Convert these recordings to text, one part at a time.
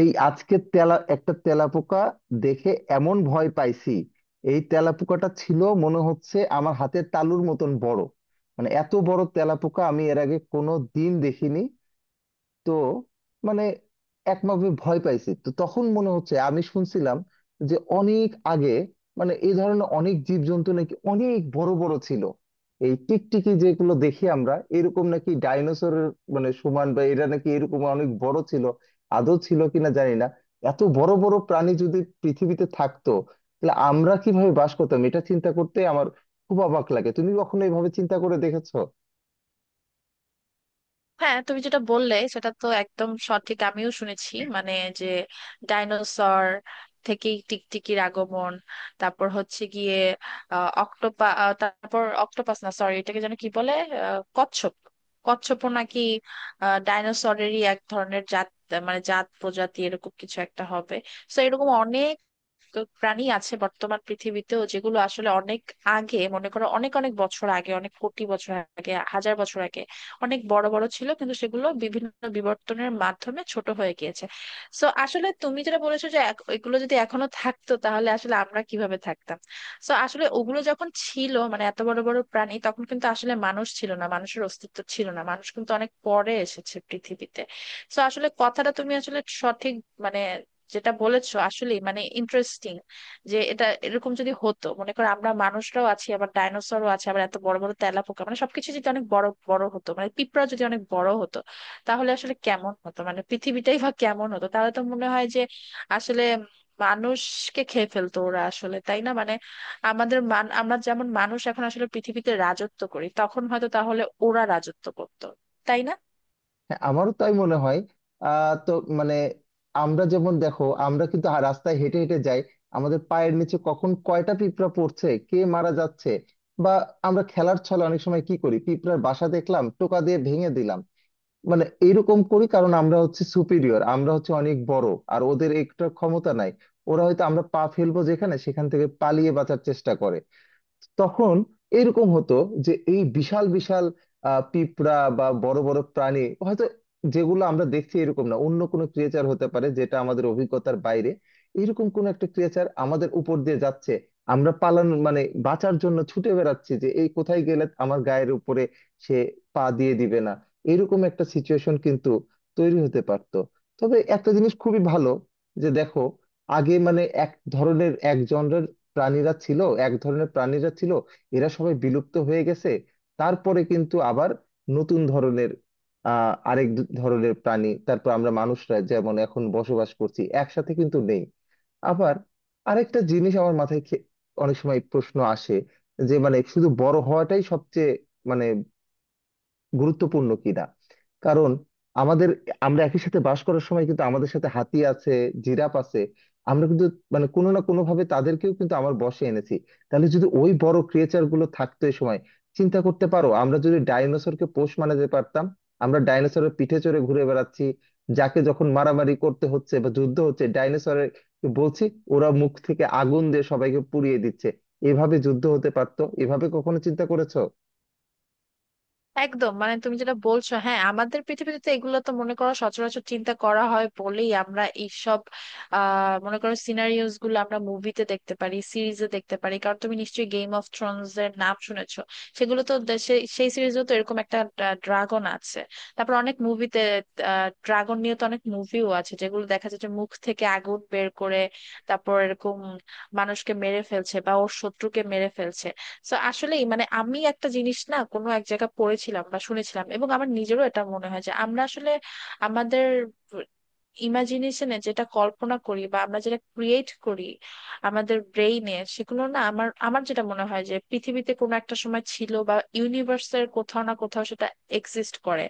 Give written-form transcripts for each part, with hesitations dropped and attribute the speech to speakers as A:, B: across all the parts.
A: এই আজকে একটা তেলাপোকা দেখে এমন ভয় পাইছি। এই তেলাপোকাটা ছিল মনে হচ্ছে আমার হাতের তালুর মতন বড়। মানে এত বড় তেলাপোকা আমি এর আগে কোনো দিন দেখিনি। তো মানে একভাবে ভয় পাইছি তো তখন মনে হচ্ছে আমি শুনছিলাম যে অনেক আগে মানে এই ধরনের অনেক জীবজন্তু নাকি অনেক বড় বড় ছিল। এই টিকটিকি যেগুলো দেখি আমরা এরকম নাকি ডাইনোসরের মানে সমান, বা এরা নাকি এরকম অনেক বড় ছিল। আদৌ ছিল কিনা জানি না। এত বড় বড় প্রাণী যদি পৃথিবীতে থাকতো তাহলে আমরা কিভাবে বাস করতাম, এটা চিন্তা করতে আমার খুব অবাক লাগে। তুমি কখনো এইভাবে চিন্তা করে দেখেছো?
B: হ্যাঁ, তুমি যেটা বললে সেটা তো একদম সঠিক। আমিও শুনেছি, মানে যে ডাইনোসর থেকে টিকটিকির আগমন, তারপর হচ্ছে গিয়ে অক্টোপা তারপর অক্টোপাস না, সরি, এটাকে যেন কি বলে, কচ্ছপ। কচ্ছপও নাকি ডাইনোসরেরই এক ধরনের জাত, মানে জাত প্রজাতি এরকম কিছু একটা হবে। তো এরকম অনেক প্রাণী আছে বর্তমান পৃথিবীতেও, যেগুলো আসলে অনেক আগে, মনে করো অনেক অনেক বছর আগে, অনেক কোটি বছর আগে, হাজার বছর আগে অনেক বড় বড় ছিল, কিন্তু সেগুলো বিভিন্ন বিবর্তনের মাধ্যমে ছোট হয়ে গিয়েছে। সো আসলে তুমি যেটা বলেছো যে এগুলো যদি এখনো থাকতো তাহলে আসলে আমরা কিভাবে থাকতাম। সো আসলে ওগুলো যখন ছিল, মানে এত বড় বড় প্রাণী, তখন কিন্তু আসলে মানুষ ছিল না, মানুষের অস্তিত্ব ছিল না, মানুষ কিন্তু অনেক পরে এসেছে পৃথিবীতে। সো আসলে কথাটা তুমি আসলে সঠিক মানে যেটা বলেছো, আসলে মানে ইন্টারেস্টিং যে এটা এরকম যদি হতো। মনে করো, আমরা মানুষরাও আছি, আবার ডাইনোসরও আছে, আবার এত বড় বড় তেলাপোকা, মানে সবকিছু যদি অনেক বড় বড় হতো, মানে পিঁপড়া যদি অনেক বড় হতো, তাহলে আসলে কেমন হতো, মানে পৃথিবীটাই বা কেমন হতো? তাহলে তো মনে হয় যে আসলে মানুষকে খেয়ে ফেলতো ওরা আসলে, তাই না? মানে আমাদের মান আমরা যেমন মানুষ এখন আসলে পৃথিবীতে রাজত্ব করি, তখন হয়তো তাহলে ওরা রাজত্ব করতো, তাই না?
A: হ্যাঁ, আমারও তাই মনে হয়। তো মানে আমরা যেমন দেখো, আমরা কিন্তু রাস্তায় হেঁটে হেঁটে যাই, আমাদের পায়ের নিচে কখন কয়টা পিঁপড়া পড়ছে, কে মারা যাচ্ছে। বা আমরা খেলার ছলে অনেক সময় কি করি, পিঁপড়ার বাসা দেখলাম টোকা দিয়ে ভেঙে দিলাম। মানে এইরকম করি কারণ আমরা হচ্ছে সুপিরিয়র, আমরা হচ্ছে অনেক বড়, আর ওদের একটা ক্ষমতা নাই। ওরা হয়তো আমরা পা ফেলবো যেখানে সেখান থেকে পালিয়ে বাঁচার চেষ্টা করে। তখন এরকম হতো যে এই বিশাল বিশাল পিঁপড়া বা বড় বড় প্রাণী হয়তো, যেগুলো আমরা দেখছি এরকম না, অন্য কোনো ক্রিয়েচার হতে পারে যেটা আমাদের অভিজ্ঞতার বাইরে, এরকম কোন একটা ক্রিয়েচার আমাদের উপর দিয়ে যাচ্ছে। আমরা পালানোর মানে বাঁচার জন্য ছুটে বেড়াচ্ছি যে এই কোথায় গেলে আমার গায়ের উপরে সে পা দিয়ে দিবে না। এরকম একটা সিচুয়েশন কিন্তু তৈরি হতে পারতো। তবে একটা জিনিস খুবই ভালো, যে দেখো আগে মানে এক ধরনের এক জনরের প্রাণীরা ছিল, এক ধরনের প্রাণীরা ছিল, এরা সবাই বিলুপ্ত হয়ে গেছে। তারপরে কিন্তু আবার নতুন ধরনের আরেক ধরনের প্রাণী, তারপর আমরা মানুষরা যেমন এখন বসবাস করছি একসাথে কিন্তু নেই। আবার আরেকটা জিনিস আমার মাথায় অনেক সময় প্রশ্ন আসে, যে মানে শুধু বড় হওয়াটাই সবচেয়ে মানে গুরুত্বপূর্ণ কিনা। কারণ আমাদের আমরা একই সাথে বাস করার সময় কিন্তু আমাদের সাথে হাতি আছে, জিরাফ আছে, আমরা কিন্তু মানে কোনো না কোনো ভাবে তাদেরকেও কিন্তু আমার বশে এনেছি। তাহলে যদি ওই বড় ক্রিয়েচার গুলো থাকতো এই সময়, চিন্তা করতে পারো আমরা যদি ডাইনোসরকে পোষ মানাতে পারতাম, আমরা ডাইনোসরের পিঠে চড়ে ঘুরে বেড়াচ্ছি, যাকে যখন মারামারি করতে হচ্ছে বা যুদ্ধ হচ্ছে ডাইনোসরের বলছি, ওরা মুখ থেকে আগুন দিয়ে সবাইকে পুড়িয়ে দিচ্ছে, এভাবে যুদ্ধ হতে পারতো। এভাবে কখনো চিন্তা করেছো?
B: একদম, মানে তুমি যেটা বলছো, হ্যাঁ আমাদের পৃথিবীতে তো এগুলো তো মনে করো সচরাচর চিন্তা করা হয় বলেই আমরা এইসব মনে করো সিনারিওস গুলো আমরা মুভিতে দেখতে পারি, সিরিজে দেখতে পারি, কারণ তুমি নিশ্চয়ই গেম অফ থ্রোনস এর নাম শুনেছো। সেগুলো তো দেশে সেই সিরিজেও তো এরকম একটা ড্রাগন আছে। তারপর অনেক মুভিতে, ড্রাগন নিয়ে তো অনেক মুভিও আছে যেগুলো দেখা যাচ্ছে মুখ থেকে আগুন বের করে, তারপর এরকম মানুষকে মেরে ফেলছে বা ওর শত্রুকে মেরে ফেলছে। তো আসলেই মানে আমি একটা জিনিস না কোনো এক জায়গায় পড়েছিলাম বা শুনেছিলাম, এবং আমার নিজেরও এটা মনে হয় যে আমরা আসলে আমাদের ইমাজিনেশনে যেটা কল্পনা করি বা আমরা যেটা ক্রিয়েট করি আমাদের ব্রেইনে, সেগুলো না, আমার আমার যেটা মনে হয় যে পৃথিবীতে কোনো একটা সময় ছিল বা ইউনিভার্সের কোথাও না কোথাও সেটা এক্সিস্ট করে।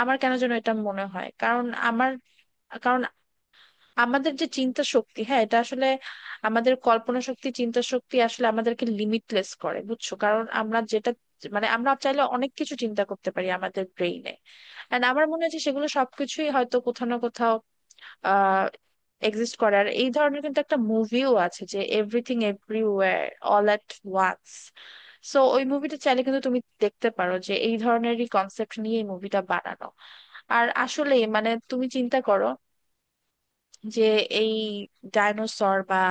B: আমার কেন যেন এটা মনে হয়, কারণ আমার, কারণ আমাদের যে চিন্তা শক্তি, হ্যাঁ এটা আসলে আমাদের কল্পনা শক্তি, চিন্তা শক্তি আসলে আমাদেরকে লিমিটলেস করে, বুঝছো? কারণ আমরা যেটা মানে আমরা চাইলে অনেক কিছু চিন্তা করতে পারি আমাদের ব্রেইনে। এন্ড আমার মনে হয় যে সেগুলো সবকিছুই হয়তো কোথাও না কোথাও আহ এক্সিস্ট করে। আর এই ধরনের কিন্তু একটা মুভিও আছে, যে everything everywhere all at once. So ওই মুভিটা চাইলে কিন্তু তুমি দেখতে পারো, যে এই ধরনেরই কনসেপ্ট নিয়ে এই মুভিটা বানানো। আর আসলে মানে তুমি চিন্তা করো যে এই ডাইনোসর বা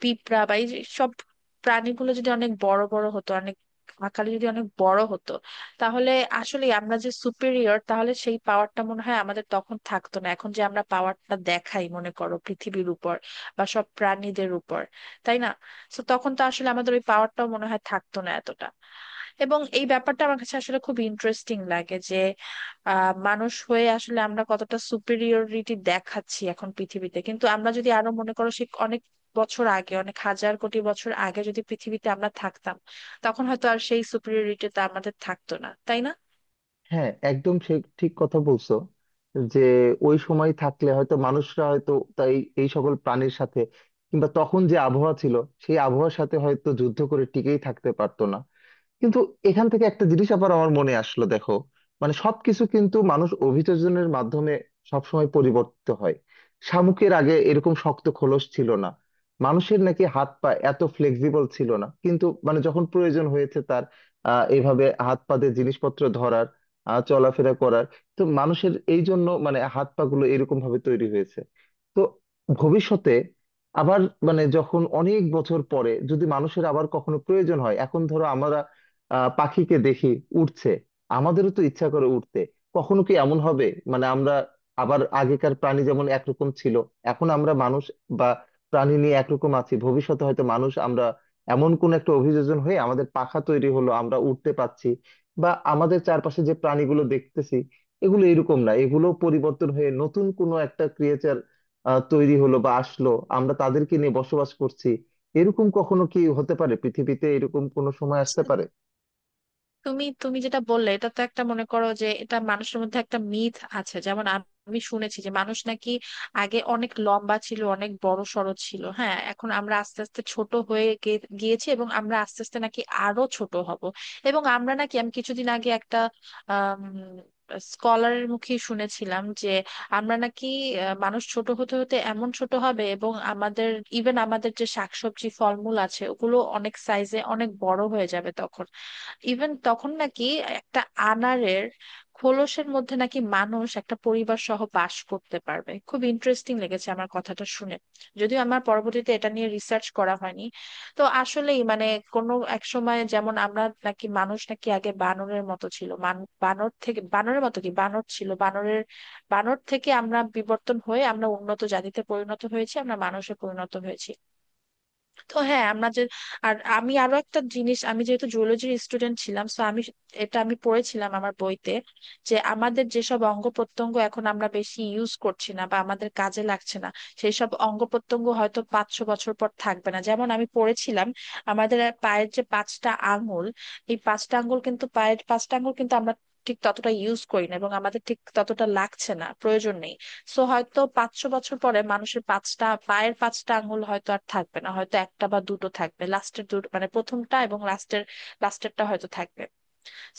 B: পিঁপড়া বা এই যে সব প্রাণীগুলো যদি অনেক বড় বড় হতো, অনেক আকারে যদি অনেক বড় হতো, তাহলে আসলে আমরা যে সুপিরিয়র, তাহলে সেই পাওয়ারটা মনে হয় আমাদের তখন থাকতো না। এখন যে আমরা পাওয়ারটা দেখাই মনে করো পৃথিবীর উপর বা সব প্রাণীদের উপর, তাই না? তো তখন তো আসলে আমাদের ওই পাওয়ারটাও মনে হয় থাকতো না এতটা। এবং এই ব্যাপারটা আমার কাছে আসলে খুব ইন্টারেস্টিং লাগে। মানুষ হয়ে আসলে আমরা কতটা সুপিরিয়রিটি দেখাচ্ছি এখন পৃথিবীতে, কিন্তু আমরা যদি আরো মনে করো সে অনেক বছর আগে, অনেক হাজার কোটি বছর আগে যদি পৃথিবীতে আমরা থাকতাম, তখন হয়তো আর সেই সুপিরিয়রিটিটা আমাদের থাকতো না, তাই
A: হ্যাঁ, একদম ঠিক ঠিক কথা বলছো, যে ওই সময় থাকলে হয়তো মানুষরা হয়তো তাই এই সকল প্রাণীর সাথে, কিংবা তখন যে আবহাওয়া ছিল সেই আবহাওয়ার সাথে হয়তো যুদ্ধ করে টিকেই থাকতে পারতো না। কিন্তু এখান থেকে একটা জিনিস আবার আমার মনে আসলো, দেখো মানে সবকিছু কিন্তু মানুষ অভিযোজনের মাধ্যমে সবসময় পরিবর্তিত হয়। শামুকের আগে এরকম শক্ত খোলস ছিল না, মানুষের নাকি হাত পা এত ফ্লেক্সিবল ছিল না, কিন্তু মানে যখন প্রয়োজন হয়েছে তার এভাবে হাত পা দিয়ে জিনিসপত্র ধরার, চলাফেরা করার, তো মানুষের এই জন্য মানে হাত পা গুলো এরকম ভাবে তৈরি হয়েছে। তো ভবিষ্যতে আবার মানে যখন অনেক বছর পরে যদি মানুষের আবার কখনো প্রয়োজন হয়, এখন ধরো আমরা পাখিকে দেখি উড়ছে, আমাদেরও তো ইচ্ছা করে উঠতে। কখনো কি এমন হবে মানে আমরা আবার আগেকার প্রাণী যেমন একরকম ছিল, এখন আমরা মানুষ বা প্রাণী নিয়ে একরকম আছি, ভবিষ্যতে হয়তো মানুষ আমরা এমন কোন একটা অভিযোজন হয়ে আমাদের পাখা তৈরি হলো, আমরা উঠতে পারছি, বা আমাদের চারপাশে যে প্রাণীগুলো দেখতেছি এগুলো এরকম না, এগুলো পরিবর্তন হয়ে নতুন কোনো একটা ক্রিয়েচার তৈরি হলো বা আসলো, আমরা তাদেরকে নিয়ে বসবাস করছি। এরকম কখনো কি হতে পারে? পৃথিবীতে এরকম কোনো সময় আসতে
B: না?
A: পারে?
B: তুমি তুমি যেটা বললে, এটা তো একটা, মনে করো যে এটা মানুষের মধ্যে একটা মিথ আছে, যেমন আমি শুনেছি যে মানুষ নাকি আগে অনেক লম্বা ছিল, অনেক বড় সড়ো ছিল, হ্যাঁ এখন আমরা আস্তে আস্তে ছোট হয়ে গিয়েছি, এবং আমরা আস্তে আস্তে নাকি আরো ছোট হব। এবং আমরা নাকি, আমি কিছুদিন আগে একটা আহ স্কলারের মুখে শুনেছিলাম যে আমরা নাকি মানুষ ছোট হতে হতে এমন ছোট হবে, এবং আমাদের ইভেন আমাদের যে শাকসবজি ফলমূল আছে ওগুলো অনেক সাইজে অনেক বড় হয়ে যাবে তখন। ইভেন তখন নাকি একটা আনারের খোলসের মধ্যে নাকি মানুষ একটা পরিবার সহ বাস করতে পারবে। খুব ইন্টারেস্টিং লেগেছে আমার কথাটা শুনে, যদিও আমার পরবর্তীতে এটা নিয়ে রিসার্চ করা হয়নি। তো আসলেই মানে কোনো এক সময় যেমন আমরা নাকি মানুষ নাকি আগে বানরের মতো ছিল, বানর থেকে, বানরের মতো কি বানর ছিল বানরের, বানর থেকে আমরা বিবর্তন হয়ে আমরা উন্নত জাতিতে পরিণত হয়েছি, আমরা মানুষে পরিণত হয়েছি। তো হ্যাঁ, আমরা যে আর আমি আরো একটা জিনিস, আমি যেহেতু জুওলজির স্টুডেন্ট ছিলাম তো আমি এটা আমি পড়েছিলাম আমার বইতে যে আমাদের যেসব অঙ্গ প্রত্যঙ্গ এখন আমরা বেশি ইউজ করছি না বা আমাদের কাজে লাগছে না, সেই সব অঙ্গ প্রত্যঙ্গ হয়তো 500 বছর পর থাকবে না। যেমন আমি পড়েছিলাম আমাদের পায়ের যে পাঁচটা আঙ্গুল, এই পাঁচটা আঙ্গুল কিন্তু পায়ের পাঁচটা আঙ্গুল কিন্তু আমরা ঠিক ততটা ইউজ করি না, এবং আমাদের ঠিক ততটা লাগছে না, প্রয়োজন নেই। সো হয়তো 500 বছর পরে মানুষের পাঁচটা পায়ের পাঁচটা আঙ্গুল হয়তো আর থাকবে না, হয়তো একটা বা দুটো থাকবে, লাস্টের দুটো, মানে প্রথমটা এবং লাস্টের লাস্টেরটা হয়তো থাকবে।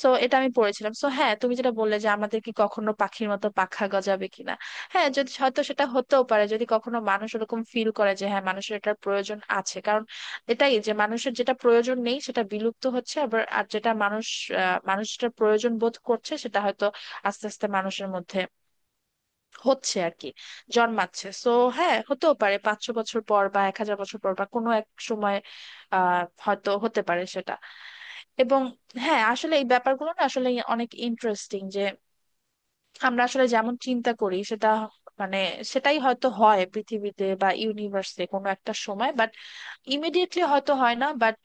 B: সো এটা আমি পড়েছিলাম। সো হ্যাঁ, তুমি যেটা বললে যে আমাদের কি কখনো পাখির মতো পাখা গজাবে কিনা, হ্যাঁ, যদি হয়তো সেটা হতেও পারে, যদি কখনো মানুষ ওরকম ফিল করে যে হ্যাঁ মানুষের এটার প্রয়োজন আছে। কারণ এটাই যে মানুষের যেটা প্রয়োজন নেই সেটা বিলুপ্ত হচ্ছে, আবার আর যেটা মানুষ মানুষ যেটা প্রয়োজন বোধ করছে সেটা হয়তো আস্তে আস্তে মানুষের মধ্যে হচ্ছে আর কি, জন্মাচ্ছে। তো হ্যাঁ, হতেও পারে 500 বছর পর বা 1,000 বছর পর বা কোনো এক সময় আহ হয়তো হতে পারে সেটা। এবং হ্যাঁ, আসলে এই ব্যাপারগুলো না আসলে অনেক ইন্টারেস্টিং, যে আমরা আসলে যেমন চিন্তা করি, সেটা মানে সেটাই হয়তো হয় পৃথিবীতে বা ইউনিভার্সে কোনো একটা সময়। বাট ইমিডিয়েটলি হয়তো হয় না, বাট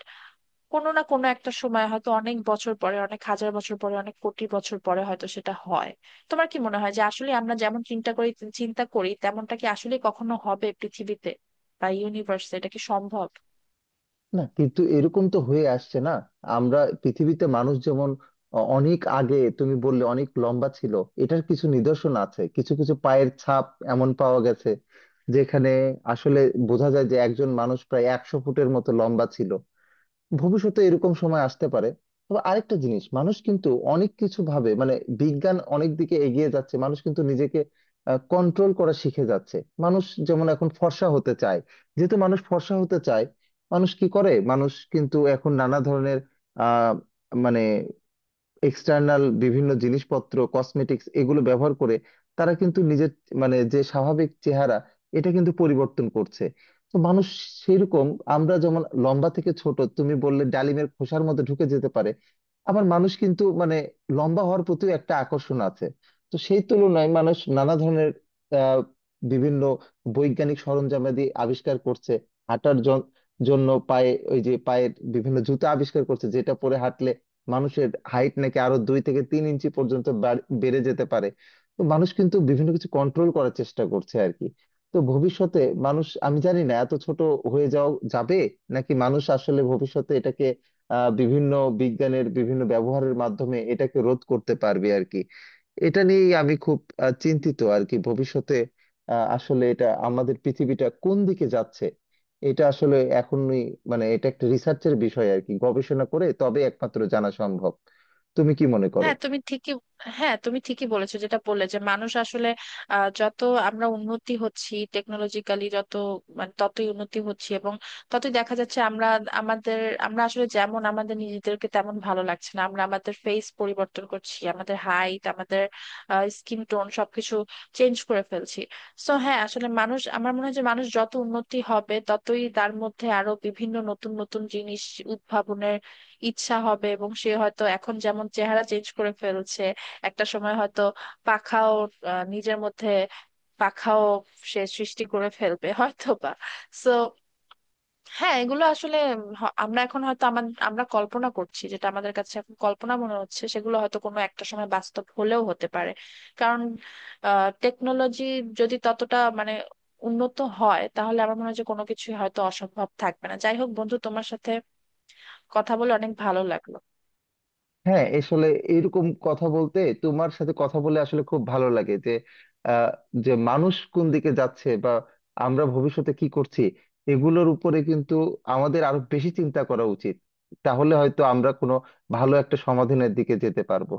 B: কোনো না কোনো একটা সময় হয়তো অনেক বছর পরে, অনেক হাজার বছর পরে, অনেক কোটি বছর পরে হয়তো সেটা হয়। তোমার কি মনে হয় যে আসলে আমরা যেমন চিন্তা করি তেমনটা কি আসলে কখনো হবে পৃথিবীতে বা ইউনিভার্সে, এটা কি সম্ভব?
A: না কিন্তু এরকম তো হয়ে আসছে না। আমরা পৃথিবীতে মানুষ যেমন অনেক আগে তুমি বললে অনেক লম্বা ছিল, এটার কিছু নিদর্শন আছে, কিছু কিছু পায়ের ছাপ এমন পাওয়া গেছে যেখানে আসলে বোঝা যায় যে একজন মানুষ প্রায় 100 ফুটের মতো লম্বা ছিল। ভবিষ্যতে এরকম সময় আসতে পারে। তবে আরেকটা জিনিস, মানুষ কিন্তু অনেক কিছু ভাবে, মানে বিজ্ঞান অনেক দিকে এগিয়ে যাচ্ছে, মানুষ কিন্তু নিজেকে কন্ট্রোল করা শিখে যাচ্ছে। মানুষ যেমন এখন ফর্সা হতে চায়, যেহেতু মানুষ ফর্সা হতে চায়, মানুষ কি করে, মানুষ কিন্তু এখন নানা ধরনের আহ মানে এক্সটার্নাল বিভিন্ন জিনিসপত্র, কসমেটিক্স এগুলো ব্যবহার করে, তারা কিন্তু নিজের মানে যে স্বাভাবিক চেহারা এটা কিন্তু পরিবর্তন করছে। তো মানুষ সেরকম, আমরা যেমন লম্বা থেকে ছোট তুমি বললে ডালিমের খোসার মধ্যে ঢুকে যেতে পারে, আবার মানুষ কিন্তু মানে লম্বা হওয়ার প্রতিও একটা আকর্ষণ আছে। তো সেই তুলনায় মানুষ নানা ধরনের আহ বিভিন্ন বৈজ্ঞানিক সরঞ্জামাদি আবিষ্কার করছে। হাঁটার জন- জন্য পায়ে ওই যে পায়ের বিভিন্ন জুতা আবিষ্কার করছে, যেটা পরে হাঁটলে মানুষের হাইট নাকি আরো 2 থেকে 3 ইঞ্চি পর্যন্ত বেড়ে যেতে পারে। তো মানুষ কিন্তু বিভিন্ন কিছু কন্ট্রোল করার চেষ্টা করছে আর কি। তো ভবিষ্যতে মানুষ, আমি জানি না এত ছোট হয়ে যাওয়া যাবে, নাকি মানুষ আসলে ভবিষ্যতে এটাকে বিভিন্ন বিজ্ঞানের বিভিন্ন ব্যবহারের মাধ্যমে এটাকে রোধ করতে পারবে আর কি। এটা নিয়েই আমি খুব চিন্তিত আর কি ভবিষ্যতে। আসলে এটা আমাদের পৃথিবীটা কোন দিকে যাচ্ছে, এটা আসলে এখনই মানে এটা একটা রিসার্চের বিষয় আর কি, গবেষণা করে তবে একমাত্র জানা সম্ভব। তুমি কি মনে করো?
B: হ্যাঁ তুমি ঠিকই হ্যাঁ, তুমি ঠিকই বলেছো, যেটা বললে যে মানুষ আসলে যত আমরা উন্নতি হচ্ছি টেকনোলজিক্যালি, যত মানে ততই উন্নতি হচ্ছি, এবং ততই দেখা যাচ্ছে আমরা আমাদের, আমরা আসলে যেমন আমাদের নিজেদেরকে তেমন ভালো লাগছে না, আমরা আমাদের ফেস পরিবর্তন করছি, আমাদের হাইট, আমাদের স্কিন টোন সবকিছু চেঞ্জ করে ফেলছি। সো হ্যাঁ, আসলে মানুষ আমার মনে হয় যে মানুষ যত উন্নতি হবে ততই তার মধ্যে আরো বিভিন্ন নতুন নতুন জিনিস উদ্ভাবনের ইচ্ছা হবে, এবং সে হয়তো এখন যেমন চেহারা চেঞ্জ করে ফেলছে, একটা সময় হয়তো পাখাও নিজের মধ্যে পাখাও সে সৃষ্টি করে ফেলবে হয়তো বা। সো হ্যাঁ, এগুলো আসলে আমরা এখন হয়তো আমাদের আমরা কল্পনা করছি, যেটা আমাদের কাছে এখন কল্পনা মনে হচ্ছে সেগুলো হয়তো কোনো একটা সময় বাস্তব হলেও হতে পারে। কারণ টেকনোলজি যদি ততটা মানে উন্নত হয়, তাহলে আমার মনে হয় যে কোনো কিছুই হয়তো অসম্ভব থাকবে না। যাই হোক বন্ধু, তোমার সাথে কথা বলে অনেক ভালো লাগলো।
A: হ্যাঁ, আসলে এরকম কথা বলতে, তোমার সাথে কথা বলে আসলে খুব ভালো লাগে, যে আহ, যে মানুষ কোন দিকে যাচ্ছে বা আমরা ভবিষ্যতে কি করছি, এগুলোর উপরে কিন্তু আমাদের আরো বেশি চিন্তা করা উচিত। তাহলে হয়তো আমরা কোনো ভালো একটা সমাধানের দিকে যেতে পারবো।